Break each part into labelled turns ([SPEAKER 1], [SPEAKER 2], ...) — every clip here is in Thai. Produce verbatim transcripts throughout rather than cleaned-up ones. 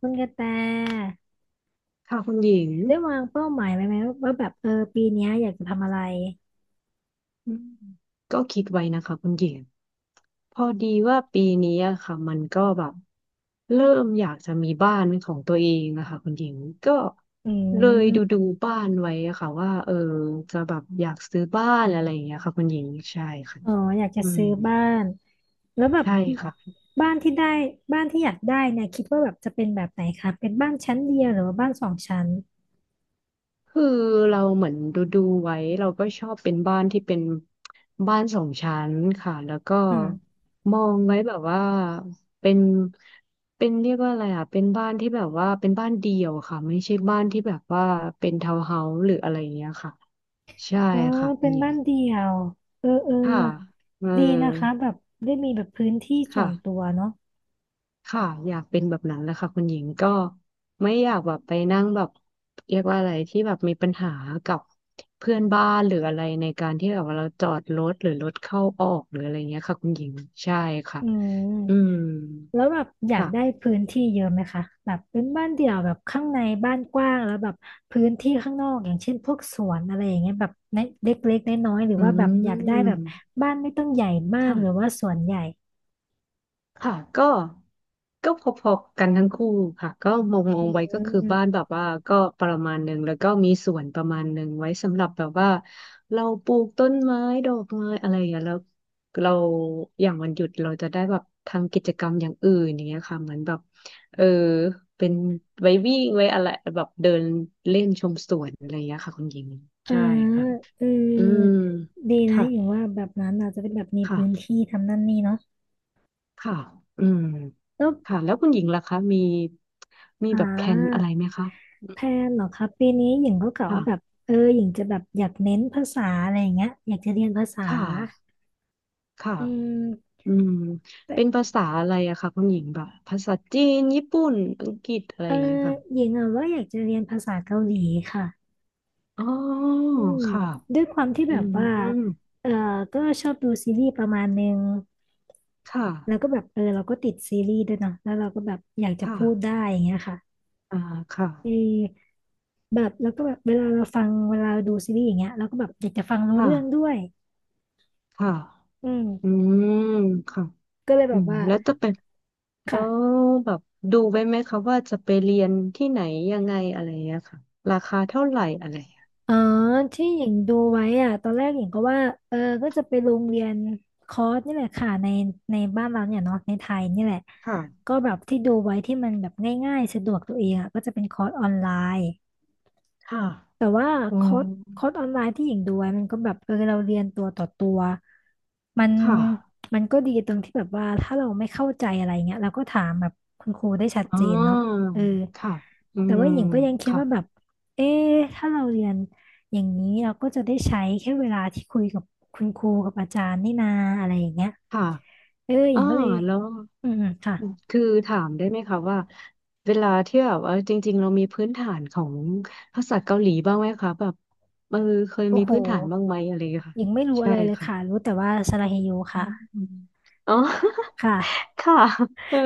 [SPEAKER 1] คุณกระแต
[SPEAKER 2] ค่ะคุณหญิง
[SPEAKER 1] ได้วางเป้าหมายไว้ไหมว่าแบบเออปีเนี้ยอยากจะทำอะไร
[SPEAKER 2] อืมก็คิดไว้นะคะคุณหญิงพอดีว่าปีนี้อะค่ะมันก็แบบเริ่มอยากจะมีบ้านเป็นของตัวเองนะคะคุณหญิงก็
[SPEAKER 1] อื
[SPEAKER 2] เลยดู
[SPEAKER 1] ม
[SPEAKER 2] ดูบ้านไว้อะค่ะว่าเออจะแบบอยากซื้อบ้านอะไรอย่างเงี้ยค่ะคุณหญิงใช่ค่ะ
[SPEAKER 1] อ๋ออยากจะ
[SPEAKER 2] อืม
[SPEAKER 1] ซื้อบ้านแล้วแบบ
[SPEAKER 2] ใช่ค่ะ
[SPEAKER 1] บ้านที่ได้บ้านที่อยากได้เนี่ยคิดว่าแบบจะเป็นแบบไหนคะเป็นบ้านชั้นเดียวหรือว่าบ้านสองชั้น
[SPEAKER 2] คือเราเหมือนดูดูไว้เราก็ชอบเป็นบ้านที่เป็นบ้านสองชั้นค่ะแล้วก็
[SPEAKER 1] อืม
[SPEAKER 2] มองไว้แบบว่าเป็นเป็นเรียกว่าอะไรอ่ะเป็นบ้านที่แบบว่าเป็นบ้านเดี่ยวค่ะไม่ใช่บ้านที่แบบว่าเป็นทาวน์เฮาส์หรืออะไรอย่างเงี้ยค่ะใช่
[SPEAKER 1] อ๋อ
[SPEAKER 2] ค่ะคุ
[SPEAKER 1] เป็
[SPEAKER 2] ณ
[SPEAKER 1] น
[SPEAKER 2] หญิง
[SPEAKER 1] บ้านเดียวเออเออ
[SPEAKER 2] ค่ะเออ
[SPEAKER 1] ดีนะคะแบบได้มีแบบพื้นที่ส่ว
[SPEAKER 2] ค่ะ
[SPEAKER 1] นตัวเนาะ
[SPEAKER 2] ค่ะอยากเป็นแบบนั้นแหละค่ะคุณหญิงก็ไม่อยากแบบไปนั่งแบบเรียกว่าอะไรที่แบบมีปัญหากับเพื่อนบ้านหรืออะไรในการที่แบบว่าเราจอดรถหรือรถเข้าออกหรืออะไรเงี้ยค่ะคุณหญิงใช่ค่ะ
[SPEAKER 1] อื
[SPEAKER 2] อืม
[SPEAKER 1] มแล้วแบบอยากได้
[SPEAKER 2] ค่ะ
[SPEAKER 1] พื้นที่เยอะไหมคะแบบเป็นบ้านเดี่ยวแบบข้างในบ้านกว้างแล้วแบบพื้นที่ข้างนอกอย่างเช่นพวกสวนอะไรอย่างเงี้ยแบบเล็กเล็กๆน้อยๆหรือ
[SPEAKER 2] อื
[SPEAKER 1] ว่าแบบอยากได้แบบ
[SPEAKER 2] ม
[SPEAKER 1] บ้านไม่ต้องใหญ่มากหรือ
[SPEAKER 2] ค่ะ
[SPEAKER 1] ว่าสวนใหญ่
[SPEAKER 2] ค่ะก็ก็พอๆกันทั้งคู่ค่ะก็มองมอ
[SPEAKER 1] อื
[SPEAKER 2] งไว้ก็คือบ้าน
[SPEAKER 1] ม
[SPEAKER 2] แบบว่าก็ประมาณหนึ่งแล้วก็มีสวนประมาณหนึ่งไว้สำหรับแบบว่าเราปลูกต้นไม้ดอกไม้อะไรอย่างเงี้ยแล้วเราอย่างวันหยุดเราจะได้แบบทำกิจกรรมอย่างอื่นอย่างเงี้ยค่ะเหมือนแบบเออเป็นไว้วิ่งไว้อะไรแบบเดินเล่นชมสวนอะไรอย่างเงี้ยค่ะคุณหญิง
[SPEAKER 1] เออ
[SPEAKER 2] ใช่ค่ะ
[SPEAKER 1] เอ
[SPEAKER 2] อืม
[SPEAKER 1] อดีนะ
[SPEAKER 2] ค่ะ
[SPEAKER 1] อย่างว่าแบบนั้นอาจจะเป็นแบบมีพื้น
[SPEAKER 2] ค่ะ
[SPEAKER 1] ที่ทำนั่นนี่เนาะ
[SPEAKER 2] ค่ะอืม
[SPEAKER 1] แล้ว
[SPEAKER 2] ค่ะแล้วคุณหญิงล่ะคะมีมี
[SPEAKER 1] อ่
[SPEAKER 2] แบบแพลนอะ
[SPEAKER 1] า
[SPEAKER 2] ไรไหมคะ
[SPEAKER 1] แพลนเหรอครับปีนี้หญิงก็กะ
[SPEAKER 2] ค่ะ
[SPEAKER 1] ว่าแบบเออหญิงจะแบบอยากเน้นภาษาอะไรอย่างเงี้ยอยากจะเรียนภาษา
[SPEAKER 2] ค่ะค่ะ
[SPEAKER 1] อืม
[SPEAKER 2] อืม
[SPEAKER 1] แต่
[SPEAKER 2] เป็นภาษาอะไรอะคะคุณหญิงแบบภาษาจีนญี่ปุ่น อังกฤษอะไร
[SPEAKER 1] เอ
[SPEAKER 2] อ
[SPEAKER 1] อ
[SPEAKER 2] ย่างเงี้ยค่ะ
[SPEAKER 1] หญิงอะว่าอยากจะเรียนภาษาเกาหลีค่ะ
[SPEAKER 2] อ๋อ
[SPEAKER 1] อืม
[SPEAKER 2] ค่ะ
[SPEAKER 1] ด้วยความที่
[SPEAKER 2] อื
[SPEAKER 1] แบบ
[SPEAKER 2] ม
[SPEAKER 1] ว่า
[SPEAKER 2] อืม
[SPEAKER 1] เออก็ชอบดูซีรีส์ประมาณนึง
[SPEAKER 2] ค่ะ
[SPEAKER 1] แล้วก็แบบเออเราก็ติดซีรีส์ด้วยเนาะแล้วเราก็แบบอยากจะ
[SPEAKER 2] ค่ะ
[SPEAKER 1] พูดได้อย่างเงี้ยค่ะ
[SPEAKER 2] อ่าค่ะ
[SPEAKER 1] เออแบบแล้วก็แบบเวลาเราฟังเวลาเราดูซีรีส์อย่างเงี้ยเราก็แบบอยากจะฟังรู้
[SPEAKER 2] ค่ะ
[SPEAKER 1] เรื่องด้วย
[SPEAKER 2] ค่ะ
[SPEAKER 1] อื
[SPEAKER 2] อื
[SPEAKER 1] ม
[SPEAKER 2] มค่ะ
[SPEAKER 1] ก็เลยแบ
[SPEAKER 2] อื
[SPEAKER 1] บ
[SPEAKER 2] ม
[SPEAKER 1] ว่า
[SPEAKER 2] แล้วจะเป็นแล้ว
[SPEAKER 1] ค่ะ
[SPEAKER 2] แบบดูไว้ไหมคะว่าจะไปเรียนที่ไหนยังไงอะไรอย่างเงี้ยค่ะราคาเท่าไหร่อะไรอย่างเงี้ย
[SPEAKER 1] อ๋อที่หญิงดูไว้อ่ะตอนแรกหญิงก็ว่าเออก็จะไปโรงเรียนคอร์สนี่แหละค่ะในในบ้านเราเนี่ยเนาะในไทยนี่แหละ
[SPEAKER 2] ค่ะ
[SPEAKER 1] ก็แบบที่ดูไว้ที่มันแบบง่ายๆ สะดวกตัวเองอ่ะก็จะเป็นคอร์สออนไลน์
[SPEAKER 2] ค่ะ
[SPEAKER 1] แต่ว่า
[SPEAKER 2] อื
[SPEAKER 1] ค
[SPEAKER 2] ม
[SPEAKER 1] อร์สคอร์สออนไลน์ที่หญิงดูไว้มันก็แบบเออเราเรียนตัวต่อตัวมัน
[SPEAKER 2] ค่ะ
[SPEAKER 1] มันก็ดีตรงที่แบบว่าถ้าเราไม่เข้าใจอะไรเงี้ยเราก็ถามแบบคุณครูได้ชัด
[SPEAKER 2] อ่
[SPEAKER 1] เจนเนาะ
[SPEAKER 2] า
[SPEAKER 1] เออ
[SPEAKER 2] ค่ะอื
[SPEAKER 1] แต่
[SPEAKER 2] ม
[SPEAKER 1] ว่าหญิงก็ยังคิด
[SPEAKER 2] ค่ะ
[SPEAKER 1] ว่าแบบเอ๊ะถ้าเราเรียนอย่างนี้เราก็จะได้ใช้แค่เวลาที่คุยกับคุณครูกับอาจารย์นี่นาอะไรอย่างเงี้ย
[SPEAKER 2] ค่ะ
[SPEAKER 1] เออหญิ
[SPEAKER 2] อ่า
[SPEAKER 1] งก็เลย
[SPEAKER 2] แล้ว
[SPEAKER 1] อืมค่ะ
[SPEAKER 2] คือถามได้ไหมคะว่าเวลาที่แบบว่าจริงๆเรามีพื้นฐานของภาษาเกาหลีบ้างไหมคะแบบเออเคย
[SPEAKER 1] โอ้
[SPEAKER 2] มี
[SPEAKER 1] โห
[SPEAKER 2] พื้นฐานบ้างไหมอะไรอย่างเงี้ย
[SPEAKER 1] ห
[SPEAKER 2] ค่ะ
[SPEAKER 1] ญิงไม่รู้อะ
[SPEAKER 2] ใช่
[SPEAKER 1] ไรเลยค่ะ
[SPEAKER 2] ค่ะ
[SPEAKER 1] รู้แต่ว่าสระเฮโย
[SPEAKER 2] อื
[SPEAKER 1] ค่ะ
[SPEAKER 2] มอ๋อ
[SPEAKER 1] ค่ะ
[SPEAKER 2] ค่ะ เออ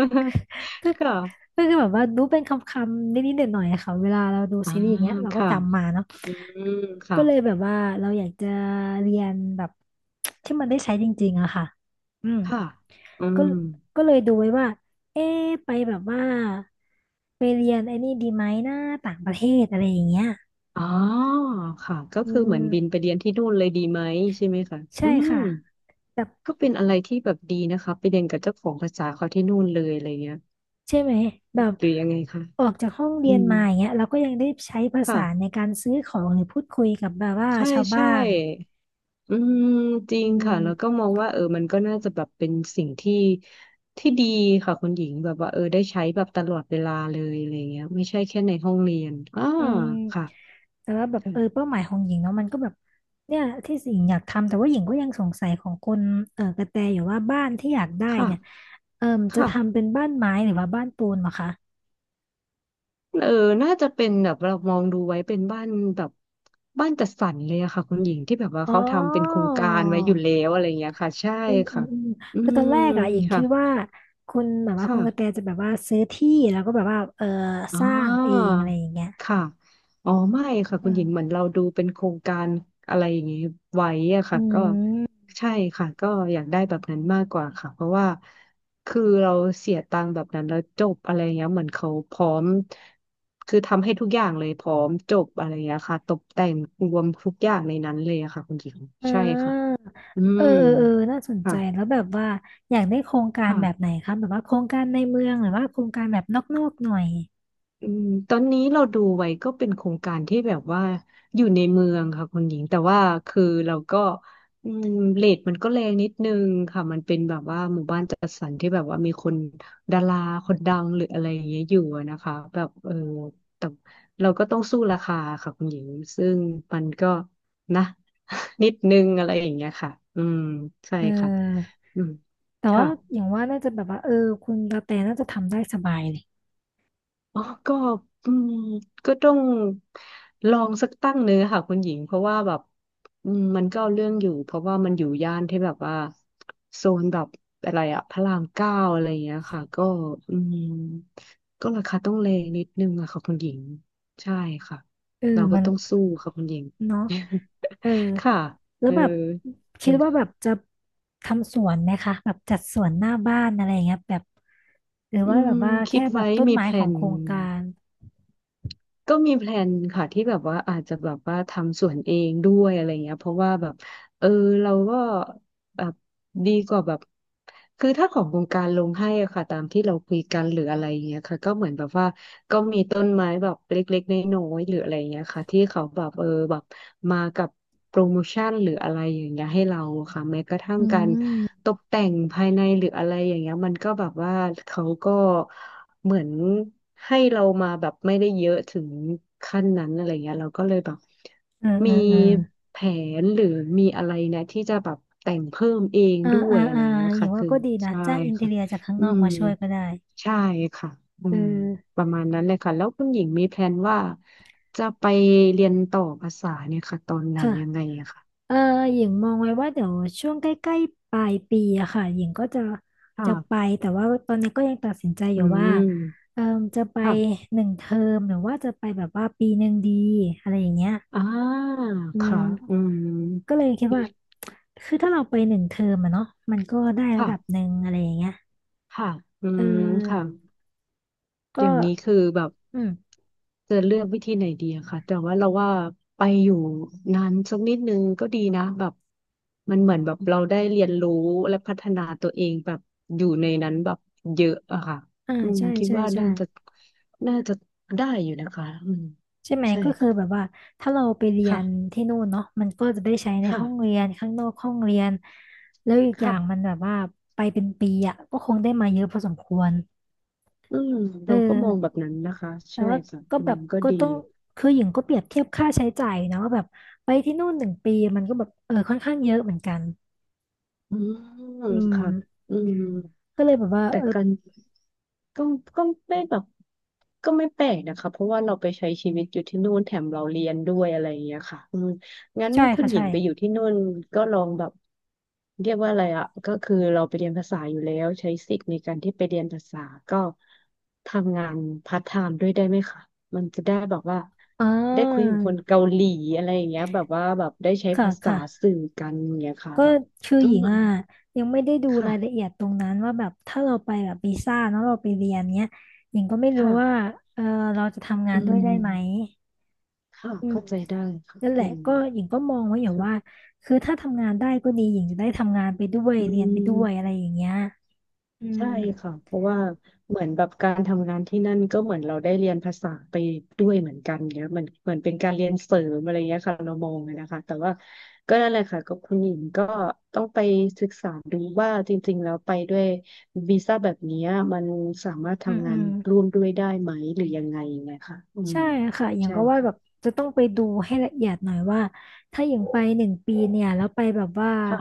[SPEAKER 1] ก็
[SPEAKER 2] ค่ะ
[SPEAKER 1] ก็คือแบบว่ารู้เป็นคำๆนิดๆหน่อยๆอะค่ะเวลาเราดู
[SPEAKER 2] อ่า
[SPEAKER 1] ซีรีส์อย่างเงี้ยเราก็
[SPEAKER 2] ค่ะ
[SPEAKER 1] จำมาเนาะ
[SPEAKER 2] อืมค่ะ
[SPEAKER 1] ก็เลยแบบว่าเราอยากจะเรียนแบบที่มันได้ใช้จริงๆอะค่ะอืม
[SPEAKER 2] ค่ะอื
[SPEAKER 1] ก็
[SPEAKER 2] ม
[SPEAKER 1] ก็เลยดูไว้ว่าเอ๊ะไปแบบว่าไปเรียนไอ้นี่ดีไหมนะต่างประเทศอะไรอย่างเงี้ย
[SPEAKER 2] อ๋อค่ะก็
[SPEAKER 1] อื
[SPEAKER 2] คือเหมือนบินไป
[SPEAKER 1] ม
[SPEAKER 2] เรียนที่นู่นเลยดีไหมใช่ไหมคะ
[SPEAKER 1] ใช่
[SPEAKER 2] อืม
[SPEAKER 1] ค่ะแบบ
[SPEAKER 2] ก็เป็นอะไรที่แบบดีนะคะไปเรียนกับเจ้าของภาษาเขาที่นู่นเลยอะไรเงี้ย
[SPEAKER 1] ใช่ไหมแบบ
[SPEAKER 2] หรือยังไงคะ
[SPEAKER 1] ออกจากห้อง
[SPEAKER 2] อื
[SPEAKER 1] เรียน
[SPEAKER 2] ม
[SPEAKER 1] มาอย่างเงี้ยเราก็ยังได้ใช้ภาษา
[SPEAKER 2] ค่ะ
[SPEAKER 1] ในการซื้อของหรือพูดคุยกับแบบว่า
[SPEAKER 2] ใช่
[SPEAKER 1] ชาวบ้า
[SPEAKER 2] ใช่
[SPEAKER 1] น
[SPEAKER 2] อืมจริ
[SPEAKER 1] อื
[SPEAKER 2] งค่ะ
[SPEAKER 1] ม
[SPEAKER 2] แล้วก็มองว่าเออมันก็น่าจะแบบเป็นสิ่งที่ที่ดีค่ะคุณหญิงแบบว่าเออได้ใช้แบบตลอดเวลาเลยอะไรเงี้ยไม่ใช่แค่ในห้องเรียนอ่า
[SPEAKER 1] อืม
[SPEAKER 2] ค่ะ
[SPEAKER 1] แต่ว่าแบบ
[SPEAKER 2] ค่ะ
[SPEAKER 1] เออเป้าหมายของหญิงเนาะมันก็แบบเนี่ยที่หญิงอยากทำแต่ว่าหญิงก็ยังสงสัยของคนเออกระแตอยู่ว่าบ้านที่อยากได้เนี่ยเออจะ
[SPEAKER 2] ค่ะ
[SPEAKER 1] ทำเป็นบ้านไม้หรือว่าบ้านปูนเหรอคะ
[SPEAKER 2] เออ น่าจะเป็นแบบเรามองดูไว้เป็นบ้านแบบบ้านจัดสรรเลยอะค่ะคุณหญิงที่แบบว่า
[SPEAKER 1] อ๋อ
[SPEAKER 2] เขาทำเป็นโครงการไว้อยู่แล้วอะไรอย่างเงี้ยค่ะใช่
[SPEAKER 1] อืมอื
[SPEAKER 2] ค่ะ
[SPEAKER 1] มอืม
[SPEAKER 2] อื
[SPEAKER 1] คือต
[SPEAKER 2] ม
[SPEAKER 1] อนแรกอะหญิงคิ
[SPEAKER 2] ค่ะ
[SPEAKER 1] ดว่าคุณแบบว่าคุณกระแต
[SPEAKER 2] ค่ะ
[SPEAKER 1] จะแบบว่าซื้อที่แล้วก็แบบว่าเออ
[SPEAKER 2] อ่
[SPEAKER 1] สร้างเอ
[SPEAKER 2] า
[SPEAKER 1] งอะไรอย่างเงี้ย
[SPEAKER 2] ค่ะอ๋อไม่ค่ะ
[SPEAKER 1] อื
[SPEAKER 2] คุณหญิงเหมือ
[SPEAKER 1] ม
[SPEAKER 2] นเราดูเป็นโครงการอะไรอย่างนี้ไว้อะค่ะ
[SPEAKER 1] อื
[SPEAKER 2] ก็
[SPEAKER 1] ม
[SPEAKER 2] ใช่ค่ะก็อยากได้แบบนั้นมากกว่าค่ะเพราะว่าคือเราเสียตังค์แบบนั้นแล้วจบอะไรเงี้ยเหมือนเขาพร้อมคือทำให้ทุกอย่างเลยพร้อมจบอะไรเงี้ยค่ะตกแต่งรวมทุกอย่างในนั้นเลยอะค่ะคุณหญิง
[SPEAKER 1] อ่
[SPEAKER 2] ใช่ค่ะ
[SPEAKER 1] า
[SPEAKER 2] อื
[SPEAKER 1] เออ
[SPEAKER 2] ม
[SPEAKER 1] เออเออน่าสนใจ
[SPEAKER 2] ค่ะ
[SPEAKER 1] แล้วแบบว่าอยากได้โครงการแบบไหน
[SPEAKER 2] ค่ะ
[SPEAKER 1] คะแบบว่าโครงการในเมืองหรือว่าโครงการแบบนอกๆหน่อย
[SPEAKER 2] อืมตอนนี้เราดูไว้ก็เป็นโครงการที่แบบว่าอยู่ในเมืองค่ะคุณหญิงแต่ว่าคือเราก็อืมเรทมันก็แรงนิดนึงค่ะมันเป็นแบบว่าหมู่บ้านจัดสรรที่แบบว่ามีคนดาราคนดังหรืออะไรอย่างเงี้ยอยู่อะนะคะแบบเออแต่เราก็ต้องสู้ราคาค่ะคุณหญิงซึ่งมันก็นะ นิดนึงอะไรอย่างเงี้ยค่ะอืมใช่
[SPEAKER 1] เอ
[SPEAKER 2] ค่ะ
[SPEAKER 1] อ
[SPEAKER 2] อืม
[SPEAKER 1] แต่
[SPEAKER 2] ค่ะ
[SPEAKER 1] ว่าอย่างว่าน่าจะแบบว่าเออคุณกระแตน่าจะทำได้สบายเลย
[SPEAKER 2] อ๋อก็อืมก็ต้องลองสักตั้งหนึ่งอะค่ะคุณหญิง เพราะว่าแบบอืมมันก็เอาเรื่องอยู่เพราะว่ามันอยู่ย่านที่แบบว่าโซนแบบอะไรอะพระรามเก้าอะไรอย่างเงี้ยค่ะก็อืมก็ราคาต้องแรงนิดนึงอะค่ะคุณหญิง ใช่ค่ะ
[SPEAKER 1] เออ
[SPEAKER 2] เราก็
[SPEAKER 1] มัน
[SPEAKER 2] ต้องสู้ค่ะคุณหญิง
[SPEAKER 1] เนาะ เออ
[SPEAKER 2] ค่ะ
[SPEAKER 1] แล้ว
[SPEAKER 2] เออ
[SPEAKER 1] แบบคิดว่าแบบจะทำสวนไหมคะแบบจัดสวนหน้าบ้านอะไรอย่างเงี้ยแบบหรือ
[SPEAKER 2] อื
[SPEAKER 1] ว่าแบบ
[SPEAKER 2] ม
[SPEAKER 1] ว่า
[SPEAKER 2] คิ
[SPEAKER 1] แค่
[SPEAKER 2] ด
[SPEAKER 1] แบบ
[SPEAKER 2] ไว้
[SPEAKER 1] ต้น
[SPEAKER 2] มี
[SPEAKER 1] ไม้
[SPEAKER 2] แพล
[SPEAKER 1] ของ
[SPEAKER 2] น
[SPEAKER 1] โครงการ
[SPEAKER 2] ก็มีแพลนค่ะที่แบบว่าอาจจะแบบว่าทำสวนเองด้วยอะไรเงี้ยเพราะว่าแบบ เออเราก็แบบดีกว่าแบบคือถ้าของวงการลงให้อะค่ะตามที่เราคุยกันหรืออะไรอย่างเงี้ยค่ะก็เหมือนแบบว่าก็มีต้นไม้แบบเล็กๆน้อยๆหรืออะไรอย่างเงี้ยค่ะที่เขาแบบเออแบบมากับโปรโมชั่นหรืออะไรอย่างเงี้ยให้เราอะค่ะแม้กระทั่ง
[SPEAKER 1] อื
[SPEAKER 2] การต
[SPEAKER 1] ม
[SPEAKER 2] กแต่งภายในหรืออะไรอย่างเงี้ยมันก็แบบว่าเขาก็เหมือนให้เรามาแบบไม่ได้เยอะถึงขั้นนั้นอะไรเงี้ยเราก็เลยแบบ
[SPEAKER 1] เออเอ
[SPEAKER 2] มี
[SPEAKER 1] อเออ
[SPEAKER 2] แผนหรือมีอะไรนะที่จะแบบแต่งเพิ่มเอง
[SPEAKER 1] อ่า
[SPEAKER 2] ด้ว
[SPEAKER 1] อ่า
[SPEAKER 2] ยอะไร
[SPEAKER 1] อ่า
[SPEAKER 2] อย่างเงี้ย
[SPEAKER 1] อย่า
[SPEAKER 2] ค่ะ
[SPEAKER 1] งว่า
[SPEAKER 2] คือ
[SPEAKER 1] ก็ดีนะ
[SPEAKER 2] ใช่
[SPEAKER 1] จ้างอินที
[SPEAKER 2] ค่ะ
[SPEAKER 1] เรียจากข้าง
[SPEAKER 2] อื
[SPEAKER 1] นอก
[SPEAKER 2] ม
[SPEAKER 1] มาช่วยก็ได้
[SPEAKER 2] ใช่ค่ะอื
[SPEAKER 1] เออ
[SPEAKER 2] มประมาณนั้นเลยค่ะแล้วคุณหญิงมีแพลนว่าจะไปเรียนต่อภาษาเนี่ยค่ะตอนไหน
[SPEAKER 1] ค่ะ
[SPEAKER 2] ยังไงอะค่ะ
[SPEAKER 1] เออหญิงมองไว้ว่าเดี๋ยวช่วงใกล้ๆปลายปีอะค่ะหญิงก็จะจะไป
[SPEAKER 2] ค่ะ
[SPEAKER 1] แต่ว่าตอนนี้ก็ยังตัดสินใจอ
[SPEAKER 2] อื
[SPEAKER 1] ยู่ว่า
[SPEAKER 2] ม
[SPEAKER 1] เออจะไป
[SPEAKER 2] ค่ะ
[SPEAKER 1] หนึ่งเทอมหรือว่าจะไปแบบว่าปีหนึ่งดีอะไรอย่างเงี้ย
[SPEAKER 2] อ่า
[SPEAKER 1] อื
[SPEAKER 2] ค่ะ
[SPEAKER 1] ม
[SPEAKER 2] อืม
[SPEAKER 1] ก็เลยคิดว่าคือถ้าเราไปหนึ่งเทอมอะเนาะมันก็ได้ระ
[SPEAKER 2] ค่ะ
[SPEAKER 1] ดับหนึ่งอะไรอย่างเงี้ย
[SPEAKER 2] ค่ะอื
[SPEAKER 1] เ
[SPEAKER 2] มค่ะ
[SPEAKER 1] ออก็
[SPEAKER 2] อย่างนี้คือแบบ
[SPEAKER 1] อืม
[SPEAKER 2] จะเลือกวิธีไหนดีอะค่ะแต่ว่าเราว่าไปอยู่นานสักนิดนึงก็ดีนะแบบมันเหมือนแบบเราได้เรียนรู้และพัฒนาตัวเองแบบอยู่ในนั้นแบบเยอะอะค่ะ
[SPEAKER 1] อ่า
[SPEAKER 2] อืม
[SPEAKER 1] ใช่
[SPEAKER 2] คิด
[SPEAKER 1] ใช่
[SPEAKER 2] ว่า
[SPEAKER 1] ใช่
[SPEAKER 2] น่าจะน่าจะได้อยู่นะคะอืม
[SPEAKER 1] ใช่ไหม
[SPEAKER 2] ใช่
[SPEAKER 1] ก็คือแบบ
[SPEAKER 2] ค่ะ
[SPEAKER 1] ว่าถ้าเราไปเรีย
[SPEAKER 2] ค่ะ
[SPEAKER 1] นที่นู่นเนาะมันก็จะได้ใช้ในห้อง
[SPEAKER 2] ค่ะ
[SPEAKER 1] เรียนข้างนอกห้องเรียนแล้วอีก
[SPEAKER 2] ค
[SPEAKER 1] อย่างมันแบ
[SPEAKER 2] ่ะ
[SPEAKER 1] บว่าไปเป็นปีอ่ะก็คงได้มาเยอะพอสมควร
[SPEAKER 2] อืม
[SPEAKER 1] เ
[SPEAKER 2] เราก็มองแบ
[SPEAKER 1] ออ
[SPEAKER 2] บนั้นนะคะ
[SPEAKER 1] แต่
[SPEAKER 2] ใช่
[SPEAKER 1] ว่า
[SPEAKER 2] ค่ะ
[SPEAKER 1] ก็
[SPEAKER 2] อื
[SPEAKER 1] แบ
[SPEAKER 2] ม
[SPEAKER 1] บ
[SPEAKER 2] ก็
[SPEAKER 1] ก็
[SPEAKER 2] ดี
[SPEAKER 1] ต้องคือหญิงก็เปรียบเทียบค่าใช้จ่ายนะว่าแบบไปที่นู่นหนึ่งปีมันก็แบบเออค่อนข้างเยอะเหมือนกัน
[SPEAKER 2] อืม
[SPEAKER 1] อื
[SPEAKER 2] ค่ะ
[SPEAKER 1] ม
[SPEAKER 2] อืม
[SPEAKER 1] ก็เลยแบบว่า
[SPEAKER 2] แต่
[SPEAKER 1] เออ
[SPEAKER 2] กัก็ก็ไม่แบบก็ไม่แปลกนะคะเพราะว่าเราไปใช้ชีวิตอยู่ที่นู่นแถมเราเรียนด้วยอะไรอย่างเงี้ยค่ะอืมงั้น
[SPEAKER 1] ใช่
[SPEAKER 2] คุณ
[SPEAKER 1] ค่ะ
[SPEAKER 2] หญิ
[SPEAKER 1] ใช่
[SPEAKER 2] งไปอยู่ที่นู่นก็ลองแบบเรียกว่าอะไรอ่ะก็คือเราไปเรียนภาษาอยู่แล้วใช้สิทธิ์ในการที่ไปเรียนภาษาก็ทำงานพาร์ทไทม์ด้วยได้ไหมคะมันจะได้แบบว่า
[SPEAKER 1] อ่
[SPEAKER 2] ได้คุย
[SPEAKER 1] า
[SPEAKER 2] กับคนเกาหลีอะไรอย่างเงี้ยแบบว่าแบบได้ใช้
[SPEAKER 1] ค่ะ
[SPEAKER 2] ภาษา
[SPEAKER 1] ค่ะ
[SPEAKER 2] สื่อกันอย่างเงี้ยค่ะ
[SPEAKER 1] ก็
[SPEAKER 2] แบบ
[SPEAKER 1] คือ
[SPEAKER 2] อื
[SPEAKER 1] หญิงอ่ะ
[SPEAKER 2] ม
[SPEAKER 1] ยังไม่ได้ดู
[SPEAKER 2] ค่ะ
[SPEAKER 1] รายละเอียดตรงนั้นว่าแบบถ้าเราไปแบบวีซ่าเนาะเราไปเรียนเนี้ยหญิงก็ไม่รู้
[SPEAKER 2] ค่ะ
[SPEAKER 1] ว่าเออเราจะทำงา
[SPEAKER 2] อื
[SPEAKER 1] นด้วยได้ไหม
[SPEAKER 2] ม ค่ะ
[SPEAKER 1] อืม
[SPEAKER 2] เข้าใจได้ค่ะ
[SPEAKER 1] นั่นแหละ
[SPEAKER 2] อืม
[SPEAKER 1] ก็หญิงก็มองไว้อยู่ว่า
[SPEAKER 2] ค่ะ
[SPEAKER 1] คือถ้าทำงานได้ก็ดีหญิงจะได้ทำงานไปด้วย
[SPEAKER 2] อื
[SPEAKER 1] เรียนไปด้วยอะไร
[SPEAKER 2] ม
[SPEAKER 1] อย่างเงี้ยอืม
[SPEAKER 2] ใช่ค่ะเพราะว่าเหมือนแบบการทำงานที่นั่นก็เหมือนเราได้เรียนภาษาไปด้วยเหมือนกันเนี้ยเหมือนเหมือนเป็นการเรียนเสริมอะไรเงี้ยค่ะเรามองเลยนะคะแต่ว่าก็นั่นแหละค่ะก็คุณหญิงก็ต้องไปศึกษาดูว่าจริงๆแล้วไปด้วยวีซ่าแบบเนี้ยมันสามารถ
[SPEAKER 1] อืม
[SPEAKER 2] ทำ
[SPEAKER 1] อื
[SPEAKER 2] งาน
[SPEAKER 1] ม
[SPEAKER 2] ร่วมด้วยได้ไหมหรือยังไงไงค่ะอืม
[SPEAKER 1] ใช่ค่ะอย่าง
[SPEAKER 2] ใช่
[SPEAKER 1] ก็ว่าแบบ
[SPEAKER 2] ค่ะ
[SPEAKER 1] จะต้องไปดูให้ละเอียดหน่อยว่าถ้าอย่างไปหนึ่งปีเนี่ยแล้วไปแบบว่า
[SPEAKER 2] ค่ะ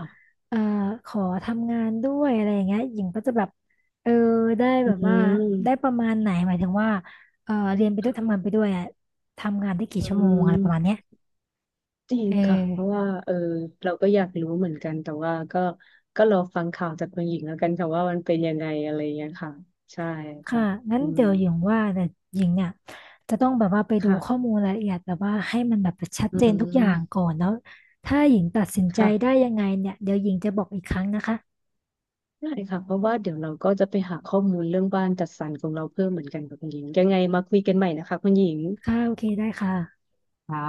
[SPEAKER 1] เอ่อขอทำงานด้วยอะไรอย่างเงี้ยหญิงก็จะแบบเออได้
[SPEAKER 2] อื
[SPEAKER 1] แบบว่าได้ป
[SPEAKER 2] ม
[SPEAKER 1] ระมาณไหนหมายถึงว่าเออเรียนไปด้วยทำงา
[SPEAKER 2] ค่ะ
[SPEAKER 1] นไปด้วยอะทำงานได้กี่
[SPEAKER 2] อ
[SPEAKER 1] ชั่วโมงอะไรป
[SPEAKER 2] ื
[SPEAKER 1] ระมาณ
[SPEAKER 2] ม
[SPEAKER 1] เนี้ย
[SPEAKER 2] จริง
[SPEAKER 1] เอ
[SPEAKER 2] ค่ะเพราะ
[SPEAKER 1] อ
[SPEAKER 2] ว่าเออเราก็อยากรู้เหมือนกันแต่ว่าก็ก็รอฟังข่าวจากคุณหญิงแล้วกันค่ะว่ามันเป็นยังไงอะไรอย่างเงี้ยค่ะใช่
[SPEAKER 1] ค่ะ
[SPEAKER 2] ค่ะ
[SPEAKER 1] งั้น
[SPEAKER 2] อืม
[SPEAKER 1] เดี๋ยวหญิงว่าแต่หญิงเนี่ยจะต้องแบบว่าไปดูข้อ
[SPEAKER 2] ค่ะ
[SPEAKER 1] มูลรายละเอียดแบบว่าให้มันแบบชัด
[SPEAKER 2] อื
[SPEAKER 1] เจนทุกอย่าง
[SPEAKER 2] ม
[SPEAKER 1] ก่อนแล้วถ้าหญิงตัดสินใจ
[SPEAKER 2] ค่ะ
[SPEAKER 1] ได้ยังไงเนี่ยเดี๋ยวหญิงจะบอกอีกครั้งนะคะ
[SPEAKER 2] ได้ค่ะเพราะว่าเดี๋ยวเราก็จะไปหาข้อมูลเรื่องบ้านจัดสรรของเราเพิ่มเหมือนกันค่ะคุณหญิงยังไงมาคุยกันใหม่นะคะคุณหญิง
[SPEAKER 1] ค่ะโอเคได้ค่ะ
[SPEAKER 2] ค่ะ